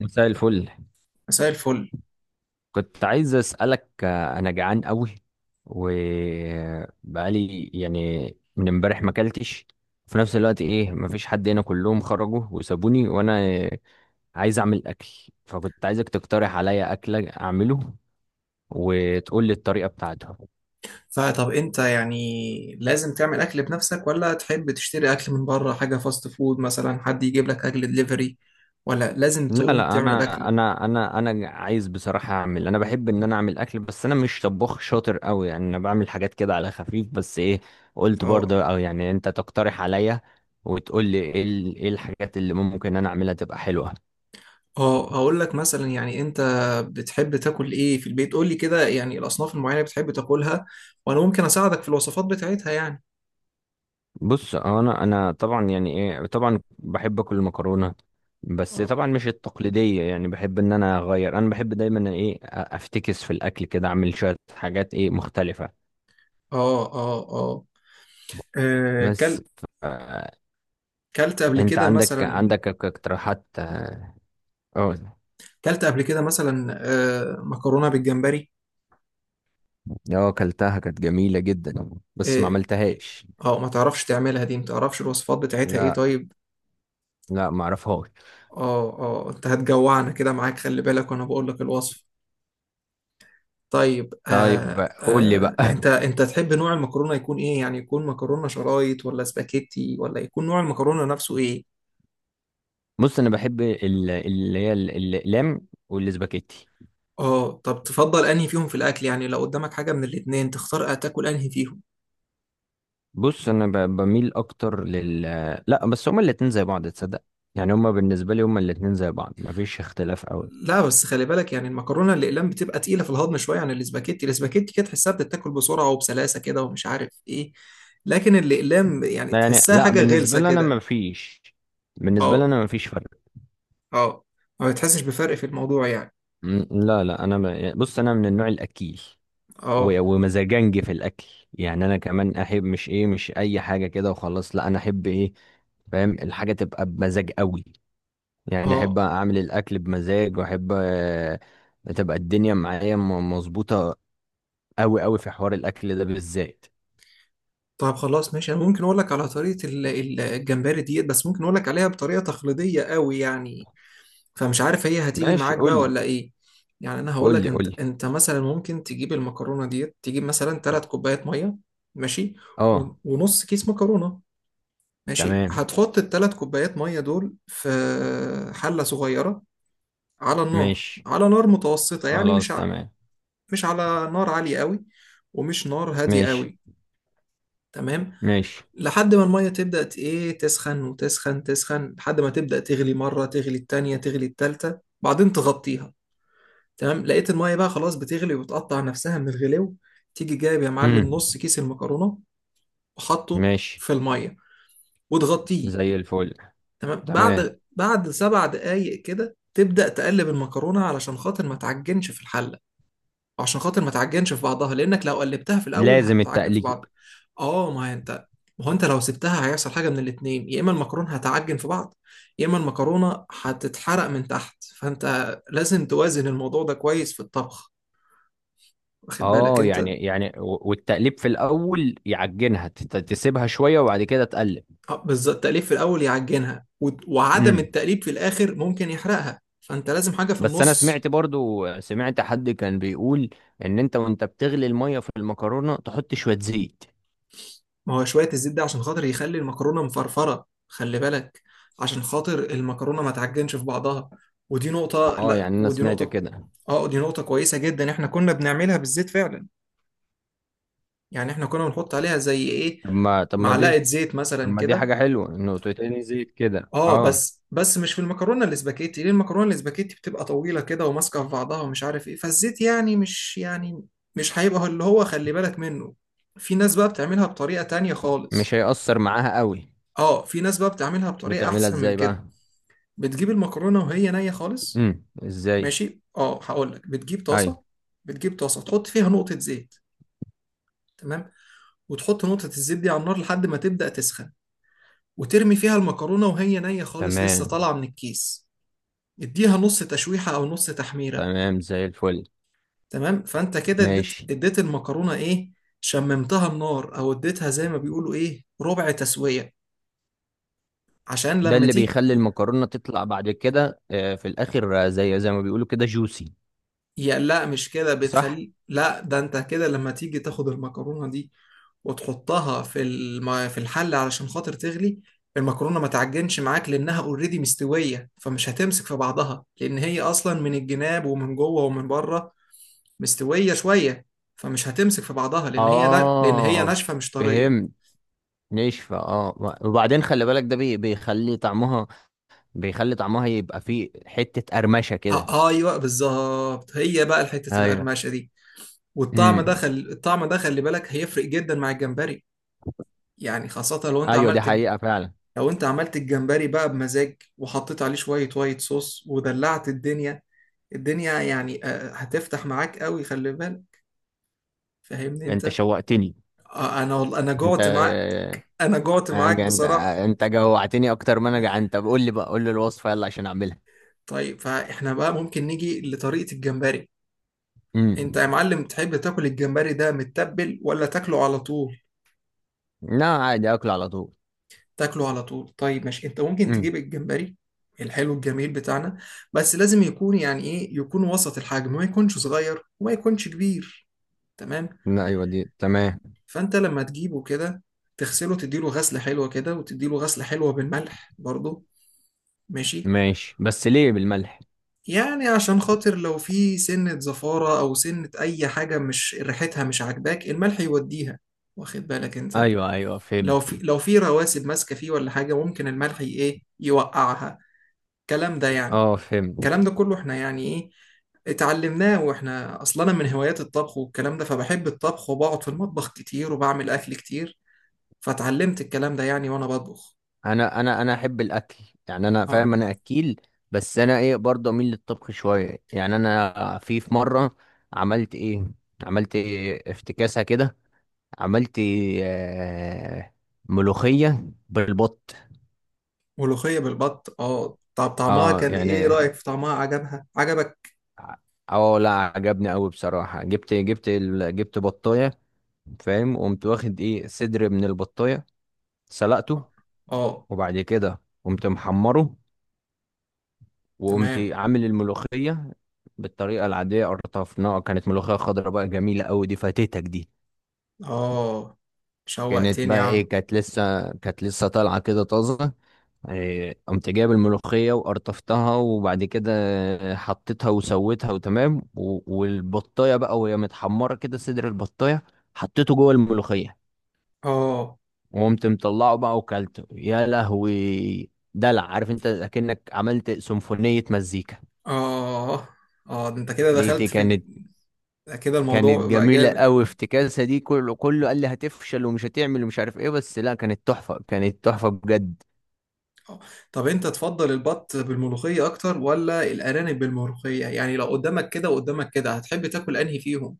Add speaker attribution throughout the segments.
Speaker 1: مساء الفل.
Speaker 2: مساء الفل.
Speaker 1: كنت عايز أسألك أنا جعان قوي وبقالي من امبارح ما اكلتش. في نفس الوقت إيه، مفيش حد هنا، كلهم خرجوا وسابوني وأنا عايز أعمل أكل، فكنت عايزك تقترح عليا أكلة أعمله وتقول لي الطريقة بتاعته.
Speaker 2: فطب انت يعني لازم تعمل اكل بنفسك، ولا تحب تشتري اكل من بره، حاجه فاست فود مثلا، حد يجيب لك اكل دليفري، ولا لازم
Speaker 1: لا
Speaker 2: تقوم
Speaker 1: لا
Speaker 2: تعمل
Speaker 1: انا
Speaker 2: الاكل؟
Speaker 1: انا انا انا عايز بصراحه اعمل، انا بحب ان انا اعمل اكل، بس انا مش طباخ شاطر قوي، يعني انا بعمل حاجات كده على خفيف، بس ايه، قلت
Speaker 2: اه
Speaker 1: برضه او يعني انت تقترح عليا وتقول لي ايه ايه الحاجات اللي ممكن انا اعملها تبقى حلوه.
Speaker 2: اه، هقول لك مثلا، يعني انت بتحب تاكل ايه في البيت؟ قول لي كده، يعني الاصناف المعينه اللي بتحب تاكلها، وانا ممكن اساعدك في الوصفات بتاعتها يعني.
Speaker 1: بص، انا طبعا يعني ايه، طبعا بحب اكل المكرونه، بس
Speaker 2: اه
Speaker 1: طبعا مش التقليديه، يعني بحب ان انا اغير، انا بحب دايما ايه، افتكس في الاكل كده، اعمل شويه حاجات ايه مختلفه.
Speaker 2: اه اه اه آه،
Speaker 1: بس
Speaker 2: كل كلت قبل
Speaker 1: انت
Speaker 2: كده
Speaker 1: عندك
Speaker 2: مثلا
Speaker 1: عندك اقتراحات؟ اه. اه.
Speaker 2: كلت قبل كده مثلا مكرونه بالجمبري.
Speaker 1: آه، اكلتها، كانت جميلة جدا بس ما
Speaker 2: آه،
Speaker 1: عملتهاش.
Speaker 2: اه ما تعرفش تعملها دي؟ ما تعرفش الوصفات بتاعتها؟ ايه
Speaker 1: لا،
Speaker 2: طيب،
Speaker 1: لا ما اعرفهاش.
Speaker 2: اه، انت هتجوعنا كده معاك، خلي بالك، وانا بقول لك الوصف. طيب
Speaker 1: طيب قول لي
Speaker 2: انت
Speaker 1: بقى.
Speaker 2: انت تحب نوع المكرونه يكون ايه؟ يعني يكون مكرونه شرايط، ولا سباكيتي، ولا يكون نوع المكرونه نفسه ايه؟
Speaker 1: بص، انا بحب الاقلام والسباكيتي.
Speaker 2: اه، طب تفضل انهي فيهم في الاكل؟ يعني لو قدامك حاجه من الاتنين، تختار تاكل انهي فيهم؟
Speaker 1: بص انا بميل اكتر لل، لا بس هما الاتنين زي بعض تصدق، يعني هما بالنسبة لي هما الاتنين زي بعض، ما فيش اختلاف قوي.
Speaker 2: لا بس خلي بالك، يعني المكرونه الاقلام بتبقى تقيله في الهضم شويه عن الاسباجيتي. الاسباجيتي كده تحسها بتتاكل بسرعه وبسلاسه كده ومش عارف ايه، لكن الاقلام يعني
Speaker 1: لا يعني،
Speaker 2: تحسها
Speaker 1: لا
Speaker 2: حاجه
Speaker 1: بالنسبة
Speaker 2: غلسه
Speaker 1: لي انا
Speaker 2: كده.
Speaker 1: ما فيش، بالنسبة لي
Speaker 2: اه
Speaker 1: انا ما فيش فرق.
Speaker 2: اه، ما بتحسش بفرق في الموضوع يعني.
Speaker 1: لا، انا ب... بص، انا من النوع الاكيل،
Speaker 2: اه
Speaker 1: ومزاجنج في الاكل، يعني انا كمان احب مش ايه، مش اي حاجه كده وخلاص، لا انا احب ايه، فاهم، الحاجه تبقى بمزاج قوي، يعني احب
Speaker 2: اه،
Speaker 1: اعمل الاكل بمزاج، واحب تبقى الدنيا معايا مظبوطه قوي قوي في حوار الاكل ده بالذات.
Speaker 2: طب خلاص ماشي، انا ممكن اقول لك على طريقه الجمبري ديت، بس ممكن اقول لك عليها بطريقه تقليديه قوي يعني، فمش عارف هي هتيجي
Speaker 1: ماشي،
Speaker 2: معاك بقى
Speaker 1: قول لي
Speaker 2: ولا ايه. يعني انا هقول
Speaker 1: قول
Speaker 2: لك،
Speaker 1: لي قول
Speaker 2: انت
Speaker 1: لي.
Speaker 2: انت مثلا ممكن تجيب المكرونه ديت، تجيب مثلا 3 كوبايات ميه ماشي،
Speaker 1: اه.
Speaker 2: ونص كيس مكرونه. ماشي،
Speaker 1: تمام.
Speaker 2: هتحط الـ 3 كوبايات ميه دول في حله صغيره على النار،
Speaker 1: ماشي.
Speaker 2: على نار متوسطه يعني،
Speaker 1: خلاص تمام.
Speaker 2: مش على نار عاليه قوي، ومش نار هاديه
Speaker 1: ماشي.
Speaker 2: قوي، تمام.
Speaker 1: ماشي.
Speaker 2: لحد ما الميه تبدا ت- ايه تسخن وتسخن تسخن لحد ما تبدا تغلي، مره تغلي التانيه، تغلي التالته، بعدين تغطيها. تمام، لقيت المية بقى خلاص بتغلي، وبتقطع نفسها من الغلو، تيجي جايب يا معلم
Speaker 1: امم.
Speaker 2: نص كيس المكرونة وحطه
Speaker 1: ماشي.
Speaker 2: في المية وتغطيه.
Speaker 1: زي الفل.
Speaker 2: تمام،
Speaker 1: تمام.
Speaker 2: بعد 7 دقايق كده تبدأ تقلب المكرونة علشان خاطر ما تعجنش في الحلة، وعشان خاطر ما تعجنش في بعضها، لأنك لو قلبتها في الأول
Speaker 1: لازم
Speaker 2: هتعجن في
Speaker 1: التقليد.
Speaker 2: بعض. اه ما هي انت ما هو انت لو سبتها هيحصل حاجة من الاتنين: يا اما المكرونة هتعجن في بعض، يا اما المكرونة هتتحرق من تحت، فانت لازم توازن الموضوع ده كويس في الطبخ، واخد بالك
Speaker 1: اه
Speaker 2: انت.
Speaker 1: يعني يعني والتقليب في الاول يعجنها، تسيبها شويه وبعد كده تقلب.
Speaker 2: بالظبط، التقليب في الاول يعجنها، وعدم
Speaker 1: امم.
Speaker 2: التقليب في الاخر ممكن يحرقها، فانت لازم حاجه في
Speaker 1: بس انا
Speaker 2: النص.
Speaker 1: سمعت برضو، سمعت حد كان بيقول ان انت وانت بتغلي الميه في المكرونه تحط شويه زيت.
Speaker 2: ما هو شويه الزيت ده عشان خاطر يخلي المكرونه مفرفره، خلي بالك، عشان خاطر المكرونه ما تعجنش في بعضها. ودي نقطه
Speaker 1: اه
Speaker 2: لا
Speaker 1: يعني انا
Speaker 2: ودي
Speaker 1: سمعت
Speaker 2: نقطه.
Speaker 1: كده.
Speaker 2: اه، دي نقطه كويسه جدا، احنا كنا بنعملها بالزيت فعلا، يعني احنا كنا بنحط عليها زي ايه،
Speaker 1: طب ما دي،
Speaker 2: معلقه زيت
Speaker 1: طب
Speaker 2: مثلا
Speaker 1: ما دي
Speaker 2: كده.
Speaker 1: حاجه حلوه انه تتقلي زيت كده،
Speaker 2: اه،
Speaker 1: اه.
Speaker 2: بس مش في المكرونه الاسباجيتي، ليه؟ المكرونه الاسباجيتي بتبقى طويله كده، وماسكه في بعضها، ومش عارف ايه، فالزيت يعني مش يعني مش هيبقى اللي هو خلي بالك منه. في ناس بقى بتعملها بطريقه تانية
Speaker 1: مش
Speaker 2: خالص،
Speaker 1: هيأثر معاها قوي.
Speaker 2: اه، في ناس بقى بتعملها بطريقه
Speaker 1: بتعملها
Speaker 2: احسن من
Speaker 1: ازاي
Speaker 2: كده،
Speaker 1: بقى؟
Speaker 2: بتجيب المكرونه وهي نيه خالص.
Speaker 1: امم، ازاي؟
Speaker 2: ماشي، اه، هقول لك، بتجيب
Speaker 1: ايوه.
Speaker 2: طاسه، بتجيب طاسه تحط فيها نقطه زيت، تمام، وتحط نقطه الزيت دي على النار لحد ما تبدا تسخن، وترمي فيها المكرونه وهي نيه خالص، لسه
Speaker 1: تمام.
Speaker 2: طالعه من الكيس، اديها نص تشويحة أو نص تحميرة.
Speaker 1: تمام زي الفل.
Speaker 2: تمام، فأنت كده اديت
Speaker 1: ماشي.
Speaker 2: اديت المكرونة إيه، شممتها النار، أو اديتها زي ما بيقولوا إيه ربع تسوية، عشان
Speaker 1: ده
Speaker 2: لما
Speaker 1: اللي
Speaker 2: تيجي،
Speaker 1: بيخلي المكرونة تطلع بعد كده في الآخر، زي زي ما بيقولوا كده جوسي.
Speaker 2: يا لا مش كده
Speaker 1: صح؟
Speaker 2: بتخلي، لا، ده انت كده لما تيجي تاخد المكرونة دي وتحطها في الحل علشان خاطر تغلي، المكرونة ما تعجنش معاك، لأنها اوريدي مستوية، فمش هتمسك في بعضها، لأن هي أصلا من الجناب ومن جوه ومن بره مستويه شويه، فمش هتمسك في بعضها لان هي
Speaker 1: آه،
Speaker 2: ناشفه مش طريه.
Speaker 1: فهمت. نشفة اه، وبعدين خلي بالك ده بيخلي طعمها، بيخلي طعمها يبقى فيه حتة قرمشة كده.
Speaker 2: آه ايوه، بالظبط، هي بقى حته
Speaker 1: ايوه.
Speaker 2: القرمشه دي،
Speaker 1: امم.
Speaker 2: الطعم ده خلي بالك هيفرق جدا مع الجمبري، يعني خاصه لو انت
Speaker 1: ايوه دي
Speaker 2: عملت
Speaker 1: حقيقة فعلا.
Speaker 2: لو انت عملت الجمبري بقى بمزاج، وحطيت عليه شويه وايت صوص، ودلعت الدنيا، الدنيا يعني هتفتح معاك قوي خلي بالك، فاهمني
Speaker 1: انت
Speaker 2: انت.
Speaker 1: شوقتني.
Speaker 2: انا
Speaker 1: انت
Speaker 2: جعت معاك،
Speaker 1: انت
Speaker 2: بصراحه.
Speaker 1: انت جوعتني اكتر ما انا جعان، طب قول لي بقى، قول لي الوصفة يلا عشان اعملها.
Speaker 2: طيب، فاحنا بقى ممكن نيجي لطريقه الجمبري. انت يا
Speaker 1: امم.
Speaker 2: معلم تحب تاكل الجمبري ده متبل، ولا تاكله على طول؟
Speaker 1: لا عادي، اكل على طول.
Speaker 2: تاكله على طول، طيب ماشي، انت ممكن
Speaker 1: امم.
Speaker 2: تجيب الجمبري الحلو الجميل بتاعنا، بس لازم يكون يعني ايه، يكون وسط الحجم، ما يكونش صغير وما يكونش كبير، تمام.
Speaker 1: لا ايوه، دي تمام.
Speaker 2: فانت لما تجيبه كده، تغسله، تديله غسلة حلوة كده، وتديله غسلة حلوة بالملح برضه، ماشي.
Speaker 1: ماشي، بس ليه بالملح؟
Speaker 2: يعني عشان خاطر لو في سنة زفارة، أو سنة أي حاجة مش ريحتها مش عاجباك، الملح يوديها، واخد بالك أنت.
Speaker 1: ايوه ايوه،
Speaker 2: لو
Speaker 1: فهمت.
Speaker 2: في لو في رواسب ماسكه فيه ولا حاجه، ممكن الملح ي- ايه يوقعها، الكلام ده يعني.
Speaker 1: اه فهمت.
Speaker 2: الكلام ده كله احنا يعني ايه اتعلمناه، واحنا اصلا، انا من هوايات الطبخ والكلام ده، فبحب الطبخ، وبقعد في المطبخ كتير، وبعمل اكل كتير، فاتعلمت الكلام ده يعني وانا بطبخ.
Speaker 1: انا احب الاكل، يعني انا
Speaker 2: اه،
Speaker 1: فاهم، انا اكيل، بس انا ايه، برضه اميل للطبخ شويه، يعني انا في مره عملت ايه، عملت إيه افتكاسه كده، عملت آه، ملوخيه بالبط.
Speaker 2: ملوخية بالبط، اه، طب طعمها
Speaker 1: اه
Speaker 2: كان ايه،
Speaker 1: يعني،
Speaker 2: رأيك في طعمها، عجبها عجبك؟
Speaker 1: ع-، اه لا عجبني قوي بصراحه، جبت جبت بطايه، فاهم، وقمت واخد ايه، صدر من البطايه، سلقته،
Speaker 2: اه، آه.
Speaker 1: وبعد كده قمت محمره، وقمت
Speaker 2: تمام.
Speaker 1: عامل الملوخية بالطريقة العادية، قرطفناها، كانت ملوخية خضراء بقى جميلة أوي، دي فاتتك دي.
Speaker 2: اه،
Speaker 1: كانت
Speaker 2: شوقتني يا
Speaker 1: بقى ايه،
Speaker 2: عم.
Speaker 1: كانت لسه، كانت لسه طالعة كده طازة، إيه، قمت جايب الملوخية وقرطفتها، وبعد كده حطيتها وسويتها وتمام، والبطاية بقى وهي متحمرة كده، صدر البطاية حطيته جوه الملوخية،
Speaker 2: اه
Speaker 1: وقمت مطلعه بقى وكلته، يا لهوي دلع، عارف انت، اكنك عملت سيمفونية مزيكا.
Speaker 2: اه اه، ده انت كده
Speaker 1: دي
Speaker 2: دخلت
Speaker 1: دي
Speaker 2: في
Speaker 1: كانت،
Speaker 2: كده،
Speaker 1: كانت
Speaker 2: الموضوع بقى
Speaker 1: جميلة
Speaker 2: جامد.
Speaker 1: قوي افتكاسة دي، كله كله قال لي هتفشل ومش هتعمل ومش عارف ايه، بس لا، كانت تحفة، كانت تحفة بجد.
Speaker 2: آه. طب انت تفضل البط بالملوخية اكتر، ولا الارانب بالملوخية؟ يعني لو قدامك كده وقدامك كده، هتحب تاكل انهي فيهم؟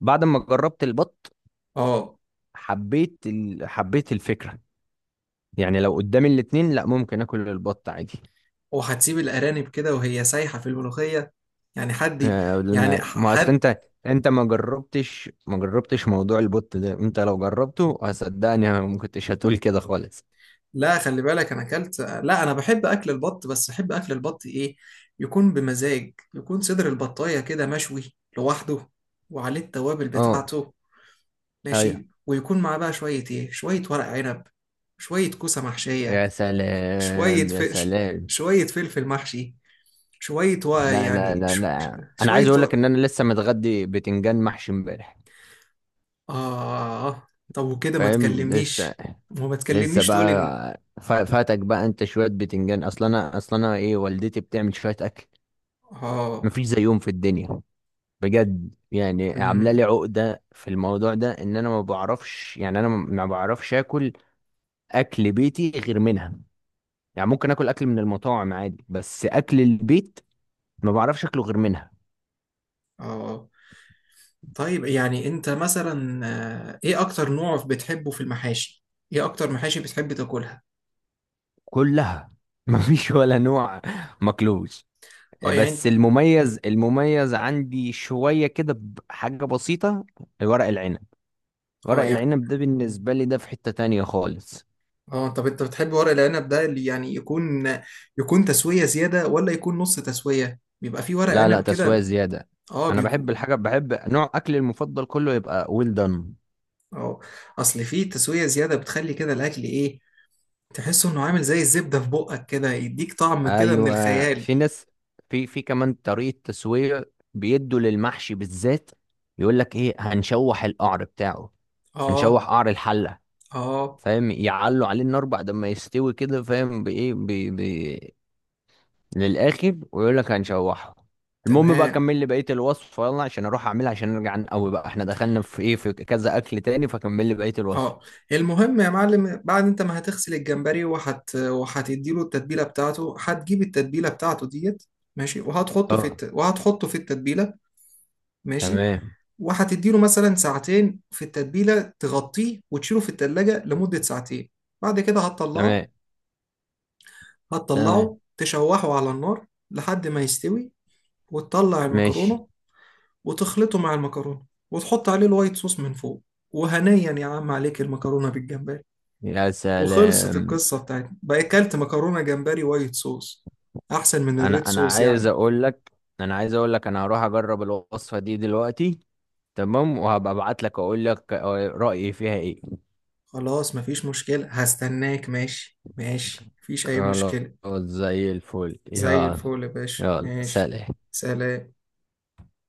Speaker 1: بعد ما جربت البط
Speaker 2: اه،
Speaker 1: حبيت ال...، حبيت الفكرة، يعني لو قدامي الاتنين، لا ممكن اكل البط عادي.
Speaker 2: وهتسيب الارانب كده وهي سايحة في الملوخية؟ يعني حد ي-
Speaker 1: آه،
Speaker 2: يعني ح-
Speaker 1: ما اصل
Speaker 2: حد،
Speaker 1: انت، انت ما جربتش، ما جربتش موضوع البط ده، انت لو جربته هصدقني ما كنتش هتقول كده خالص.
Speaker 2: لا خلي بالك، انا اكلت، لا، انا بحب اكل البط، بس بحب اكل البط ايه، يكون بمزاج، يكون صدر البطاية كده مشوي لوحده، وعليه التوابل
Speaker 1: اه.
Speaker 2: بتاعته،
Speaker 1: ايوه.
Speaker 2: ماشي، ويكون معاه بقى شوية ايه، شوية ورق عنب، شوية كوسة
Speaker 1: يا
Speaker 2: محشية، شوية
Speaker 1: سلام
Speaker 2: ف...
Speaker 1: يا
Speaker 2: ش-
Speaker 1: سلام.
Speaker 2: شوية فلفل محشي، شوية و...
Speaker 1: لا لا
Speaker 2: يعني
Speaker 1: لا
Speaker 2: ش...
Speaker 1: لا انا
Speaker 2: شوية
Speaker 1: عايز اقول لك
Speaker 2: و...
Speaker 1: ان انا لسه متغدي بتنجان محشي امبارح،
Speaker 2: آه طب وكده ما
Speaker 1: فاهم، لسه،
Speaker 2: تكلمنيش، وما
Speaker 1: لسه
Speaker 2: تكلمنيش تقولي إن،
Speaker 1: بقى، فاتك بقى انت شويه، بتنجان، اصلا انا، اصلا انا ايه، والدتي بتعمل شويه اكل
Speaker 2: آه
Speaker 1: مفيش زيهم في الدنيا بجد، يعني عامله
Speaker 2: أمم،
Speaker 1: لي عقده في الموضوع ده ان انا ما بعرفش، يعني انا ما بعرفش اكل اكل بيتي غير منها، يعني ممكن اكل اكل من المطاعم عادي، بس اكل البيت ما بعرفش اكله غير منها.
Speaker 2: آه طيب يعني أنت مثلا إيه أكتر نوع بتحبه في المحاشي؟ إيه أكتر محاشي بتحب تاكلها؟
Speaker 1: كلها مفيش ولا نوع ماكلوش،
Speaker 2: آه يعني
Speaker 1: بس المميز عندي شوية كده بحاجة بسيطة، ورق العنب. ورق
Speaker 2: آه يعني
Speaker 1: العنب ده بالنسبة لي ده في حتة تانية خالص.
Speaker 2: طب أنت بتحب ورق العنب ده اللي يعني يكون، يكون تسوية زيادة ولا يكون نص تسوية؟ بيبقى فيه ورق
Speaker 1: لا لا،
Speaker 2: عنب
Speaker 1: تسوية
Speaker 2: كده.
Speaker 1: زيادة.
Speaker 2: آه
Speaker 1: أنا بحب
Speaker 2: بيكون،
Speaker 1: الحاجة، بحب نوع أكلي المفضل كله يبقى ويل دان.
Speaker 2: اه، اصل في تسوية زيادة بتخلي كده الاكل ايه، تحسه انه عامل زي الزبدة في بقك كده، يديك طعم كده من
Speaker 1: أيوة،
Speaker 2: الخيال.
Speaker 1: في ناس، في كمان طريقة تسوية بيدوا للمحشي بالذات، يقول لك إيه، هنشوح القعر بتاعه، هنشوح
Speaker 2: اه
Speaker 1: قعر الحلة،
Speaker 2: اه،
Speaker 1: فاهم، يعلوا عليه النار بعد ما يستوي كده، فاهم بإيه، للاخر، ويقول لك هنشوحه. المهم بقى،
Speaker 2: تمام.
Speaker 1: كمل لي بقيه الوصفه يلا عشان اروح اعملها، عشان نرجع نقوي بقى، احنا دخلنا في ايه، في كذا اكل تاني، فكمل لي بقيه الوصفه.
Speaker 2: اه، المهم يا معلم، بعد انت ما هتغسل الجمبري، وهتديله التتبيلة بتاعته، هتجيب التتبيلة بتاعته ديت ماشي،
Speaker 1: اه.
Speaker 2: وهتحطه في التتبيلة، ماشي،
Speaker 1: تمام.
Speaker 2: وهتديله مثلا ساعتين في التتبيلة، تغطيه وتشيله في التلاجة لمدة ساعتين، بعد كده هتطلعه،
Speaker 1: تمام. تمام.
Speaker 2: هتطلعه تشوحه على النار لحد ما يستوي، وتطلع
Speaker 1: ماشي.
Speaker 2: المكرونة، وتخلطه مع المكرونة، وتحط عليه الوايت صوص من فوق، وهنيا يا عم عليك المكرونة بالجمبري،
Speaker 1: يا
Speaker 2: وخلصت
Speaker 1: سلام.
Speaker 2: القصة بتاعتنا بقى، أكلت مكرونة جمبري وايت صوص، أحسن من الريد
Speaker 1: انا
Speaker 2: صوص
Speaker 1: عايز
Speaker 2: يعني.
Speaker 1: اقول لك، انا عايز اقول لك انا هروح اجرب الوصفه دي دلوقتي، تمام، وهبقى ابعت لك اقول لك رايي فيها ايه.
Speaker 2: خلاص مفيش مشكلة، هستناك، ماشي ماشي، مفيش أي
Speaker 1: خلاص،
Speaker 2: مشكلة.
Speaker 1: زي الفل،
Speaker 2: زي
Speaker 1: يلا.
Speaker 2: الفل يا باشا،
Speaker 1: يلا،
Speaker 2: ماشي،
Speaker 1: سلام.
Speaker 2: سلام.